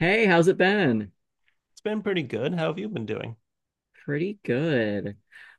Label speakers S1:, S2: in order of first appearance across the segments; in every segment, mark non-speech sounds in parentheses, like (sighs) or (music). S1: Hey, how's it been?
S2: It's been pretty good. How have you been doing?
S1: Pretty good.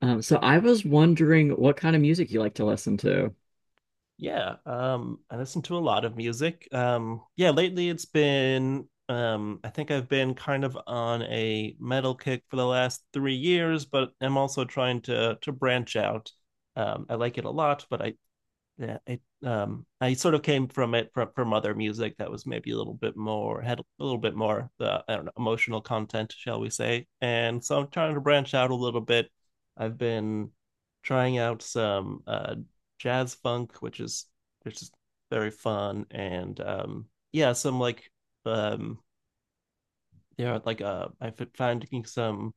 S1: So I was wondering what kind of music you like to listen to.
S2: Yeah, I listen to a lot of music. Yeah, lately it's been, I think I've been kind of on a metal kick for the last 3 years, but I'm also trying to branch out. I like it a lot, but I yeah it I sort of came from it from other music that was maybe a little bit more, had a little bit more, the I don't know emotional content, shall we say, and so I'm trying to branch out a little bit. I've been trying out some jazz funk, which is very fun. And yeah some like um yeah like I found some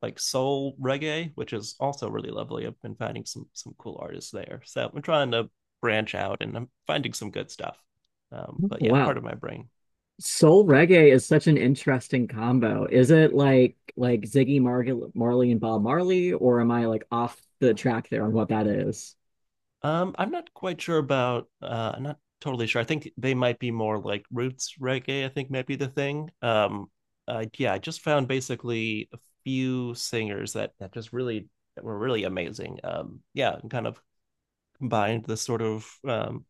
S2: like soul reggae, which is also really lovely. I've been finding some cool artists there. So I'm trying to branch out and I'm finding some good stuff.
S1: Oh,
S2: But yeah, part
S1: wow.
S2: of my brain.
S1: Soul reggae is such an interesting combo. Is it like Ziggy Marley and Bob Marley, or am I like off the track there on what that is?
S2: I'm not quite sure about. I'm not totally sure. I think they might be more like roots reggae, I think might be the thing. Yeah, I just found basically a few singers that just really, that were really amazing. Yeah, and kind of combined the sort of um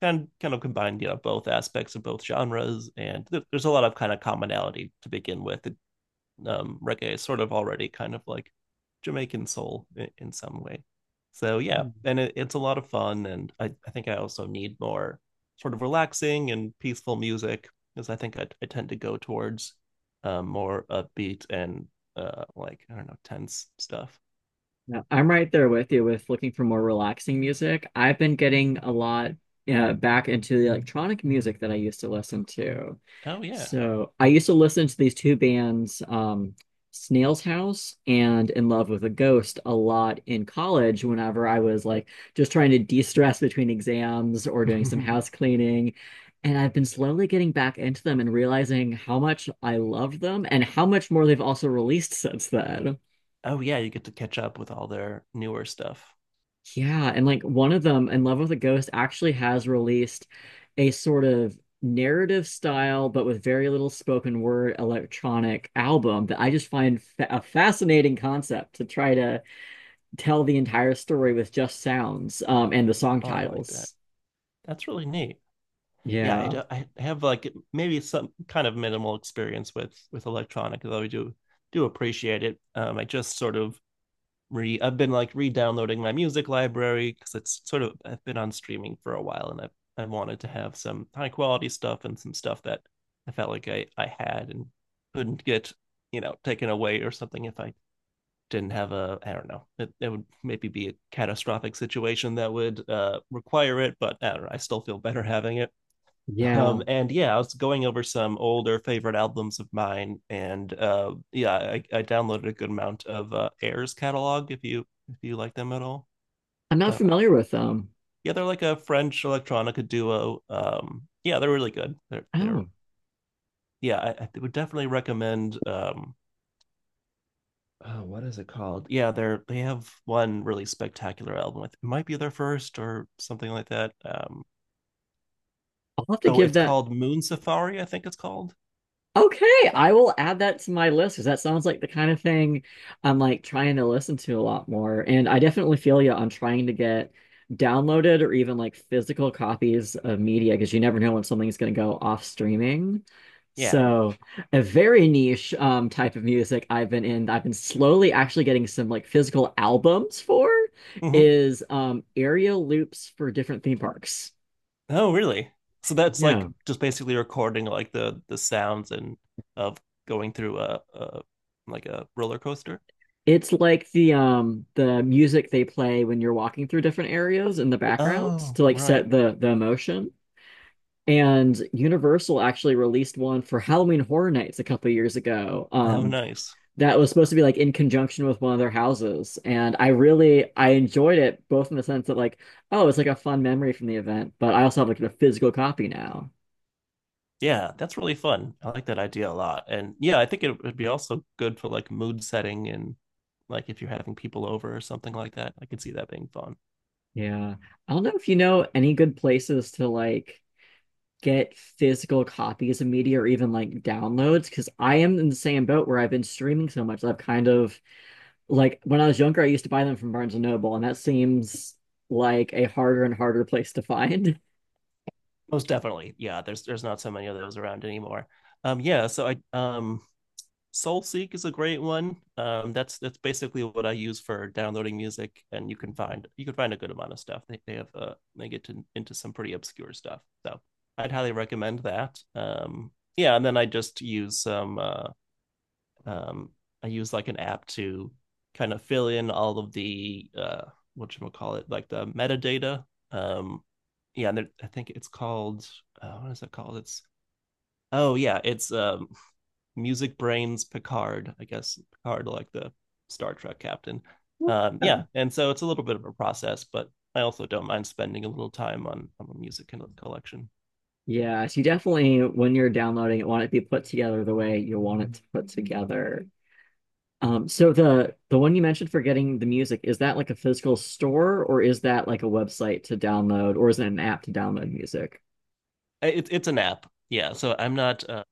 S2: kind kind of combined, you know, both aspects of both genres. And there's a lot of kind of commonality to begin with. Reggae is sort of already kind of like Jamaican soul in some way. So yeah, and it's a lot of fun. And I think I also need more sort of relaxing and peaceful music, because I tend to go towards more upbeat and like I don't know tense stuff.
S1: Yeah, I'm right there with you with looking for more relaxing music. I've been getting a lot back into the electronic music that I used to listen to.
S2: Oh yeah.
S1: So I used to listen to these two bands, Snail's House and In Love with a Ghost, a lot in college whenever I was like just trying to de-stress between exams or doing some house
S2: (laughs)
S1: cleaning. And I've been slowly getting back into them and realizing how much I loved them and how much more they've also released since then.
S2: oh yeah, you get to catch up with all their newer stuff.
S1: Yeah, and like one of them, In Love with a Ghost, actually has released a sort of narrative style, but with very little spoken word electronic album that I just find fa a fascinating concept to try to tell the entire story with just sounds and the song
S2: Oh, I like that.
S1: titles.
S2: That's really neat. Yeah, I,
S1: Yeah,
S2: do, I have like maybe some kind of minimal experience with electronic, though I do appreciate it. I just sort of re I've been like re-downloading my music library because it's sort of, I've been on streaming for a while, and I have, I wanted to have some high quality stuff and some stuff that I felt like I had and couldn't get, taken away or something. If I didn't have, a I don't know, it would maybe be a catastrophic situation that would require it, but I don't know, I still feel better having it.
S1: yeah.
S2: And yeah, I was going over some older favorite albums of mine, and I downloaded a good amount of Air's catalog, if you like them at all.
S1: I'm not
S2: Uh,
S1: familiar with them.
S2: yeah, they're like a French electronica duo. Yeah, they're really good. They're
S1: Oh,
S2: yeah, I would definitely recommend. Oh, what is it called? Yeah, they have one really spectacular album. It might be their first or something like that.
S1: I'll have to
S2: Oh,
S1: give
S2: it's
S1: that.
S2: called Moon Safari, I think it's called.
S1: Okay, I will add that to my list because that sounds like the kind of thing I'm like trying to listen to a lot more. And I definitely feel you on trying to get downloaded or even like physical copies of media because you never know when something's going to go off streaming.
S2: Yeah.
S1: So, a very niche type of music I've I've been slowly actually getting some like physical albums for
S2: Hmm.
S1: is area loops for different theme parks.
S2: Oh, really? So that's like
S1: Yeah.
S2: just basically recording like the sounds and of going through a like a roller coaster.
S1: It's like the music they play when you're walking through different areas in the backgrounds
S2: Oh,
S1: to like
S2: right.
S1: set the emotion. And Universal actually released one for Halloween Horror Nights a couple years ago.
S2: How nice.
S1: That was supposed to be like in conjunction with one of their houses, and I enjoyed it both in the sense that like oh it's like a fun memory from the event, but I also have like a physical copy now.
S2: Yeah, that's really fun. I like that idea a lot. And yeah, I think it would be also good for like mood setting and like if you're having people over or something like that. I could see that being fun.
S1: Yeah, I don't know if you know any good places to like get physical copies of media or even like downloads because I am in the same boat where I've been streaming so much. I've kind of like when I was younger, I used to buy them from Barnes and Noble, and that seems like a harder and harder place to find. (laughs)
S2: Most definitely. Yeah, there's not so many of those around anymore. Yeah, so I Soulseek is a great one. That's basically what I use for downloading music, and you can find a good amount of stuff. They have they get into some pretty obscure stuff, so I'd highly recommend that. Yeah, and then I just use some um, I use like an app to kind of fill in all of the what should we call it, like the metadata. Um, yeah, and I think it's called what is it called? It's Music Brains Picard. I guess Picard, like the Star Trek captain. Yeah,
S1: Yeah.
S2: and so it's a little bit of a process, but I also don't mind spending a little time on a music collection.
S1: Yeah, so you definitely, when you're downloading it, want it to be put together the way you want it to put together. So the one you mentioned for getting the music, is that like a physical store or is that like a website to download or is it an app to download music?
S2: It's an app, yeah. So I'm not.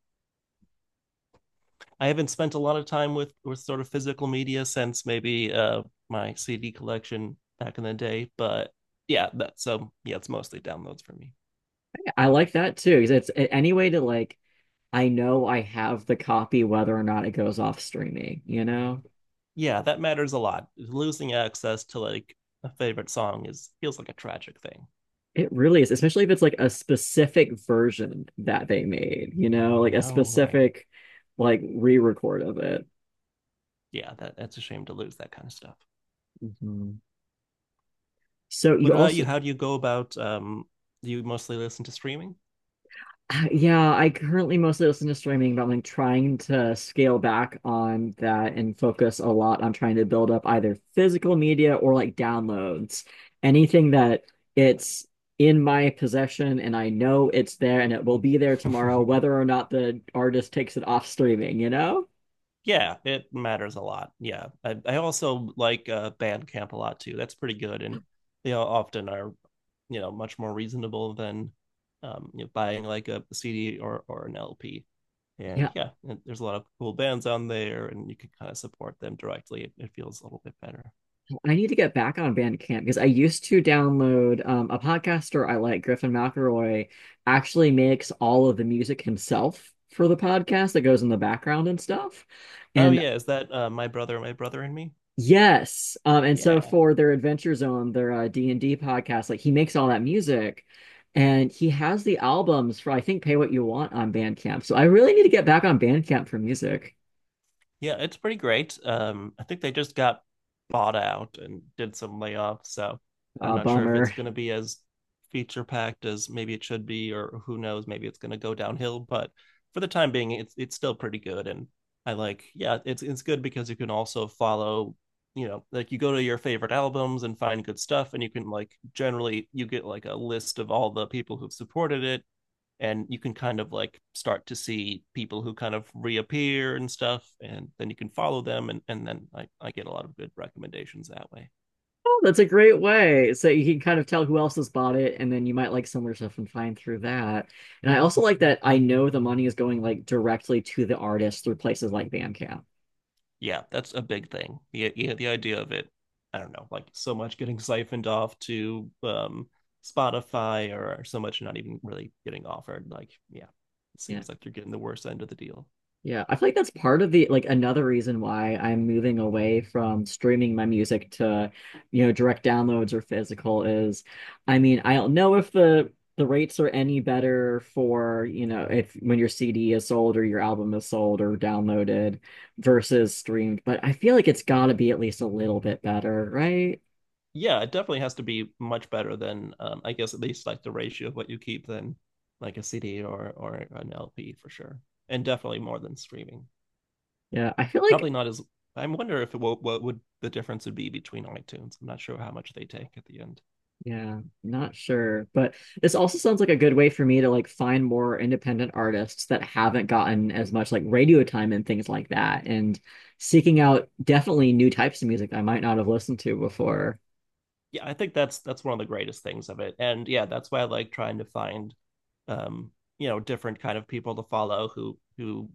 S2: I haven't spent a lot of time with sort of physical media since maybe my CD collection back in the day, but yeah, that, so yeah, it's mostly downloads for me.
S1: I like that too, because any way to like I know I have the copy whether or not it goes off streaming, you know?
S2: Yeah, that matters a lot. Losing access to like a favorite song is, feels like a tragic thing.
S1: It really is, especially if it's like a specific version that they made, you know, like a
S2: Oh right.
S1: specific like re-record of it.
S2: Yeah, that that's a shame to lose that kind of stuff.
S1: Mhm. So you
S2: What about
S1: also
S2: you? How do you go about? Do you mostly listen to streaming?
S1: (sighs) (laughs) Yeah, I currently mostly listen to streaming, but I'm like trying to scale back on that and focus a lot on trying to build up either physical media or like downloads. Anything that it's in my possession and I know it's there and it will be there tomorrow, whether or
S2: (laughs)
S1: not the artist takes it off streaming, you know?
S2: yeah, it matters a lot. Yeah, I also like Bandcamp a lot too. That's pretty good, and they all often are, you know, much more reasonable than you know, buying like a CD or an LP. And yeah, and there's a lot of cool bands on there, and you can kind of support them directly. It feels a little bit better.
S1: I need to get back on Bandcamp because I used to download a podcaster I like, Griffin McElroy, actually makes all of the music himself for the podcast that goes in the background and stuff.
S2: Oh
S1: And
S2: yeah, is that my brother and me?
S1: yes, and so
S2: Yeah.
S1: for their Adventure Zone, their D&D podcast, like he makes all that music and he has the albums for I think Pay What You Want on Bandcamp. So I really need to get back on Bandcamp for music.
S2: Yeah, it's pretty great. I think they just got bought out and did some layoffs, so I'm not sure if it's
S1: Bummer.
S2: going to be as feature packed as maybe it should be, or who knows, maybe it's going to go downhill. But for the time being, it's still pretty good, and I like, yeah, it's good because you can also follow, you know, like you go to your favorite albums and find good stuff, and you can like generally you get like a list of all the people who've supported it, and you can kind of like start to see people who kind of reappear and stuff, and then you can follow them, and then I get a lot of good recommendations that way.
S1: Oh, that's a great way. So you can kind of tell who else has bought it, and then you might like similar stuff and find through that. And I also like that I know the money is going like directly to the artist through places like Bandcamp.
S2: Yeah, that's a big thing. Yeah, yeah, the idea of it, I don't know, like so much getting siphoned off to Spotify, or so much not even really getting offered, like, yeah, it
S1: Yeah.
S2: seems like you're getting the worst end of the deal.
S1: Yeah, I feel like that's part of the like another reason why I'm moving away from streaming my music to, you know, direct downloads or physical is, I mean, I don't know if the rates are any better for, you know, if when your CD is sold or your album is sold or downloaded versus streamed, but I feel like it's got to be at least a little bit better, right?
S2: Yeah, it definitely has to be much better than, I guess at least like the ratio of what you keep, than like a CD or an LP for sure, and definitely more than streaming.
S1: Yeah, I feel like
S2: Probably not as, I wonder if it will, what would the difference would be between iTunes. I'm not sure how much they take at the end.
S1: Yeah, not sure, but this also sounds like a good way for me to like find more independent artists that haven't gotten as much like radio time and things like that, and seeking out definitely new types of music I might not have listened to before.
S2: Yeah, I think that's one of the greatest things of it, and yeah, that's why I like trying to find, um, you know, different kind of people to follow, who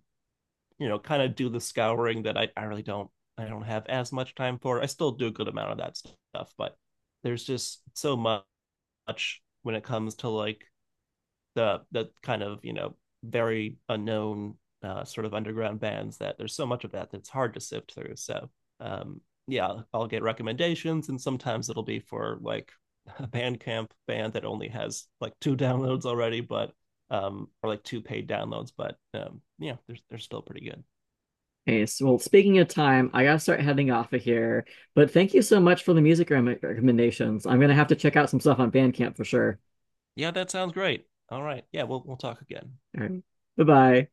S2: you know, kind of do the scouring that I really don't, I don't have as much time for. I still do a good amount of that stuff, but there's just so much when it comes to like the kind of, you know, very unknown sort of underground bands, that there's so much of that that's hard to sift through. So um yeah, I'll get recommendations, and sometimes it'll be for like (laughs) a Bandcamp band that only has like two downloads already, but or like two paid downloads, but yeah, they're still pretty good.
S1: Okay, so well, speaking of time, I gotta start heading off of here, but thank you so much for the music rem recommendations. I'm gonna have to check out some stuff on Bandcamp for sure.
S2: Yeah, that sounds great. All right. Yeah, we'll talk again.
S1: All right, bye-bye.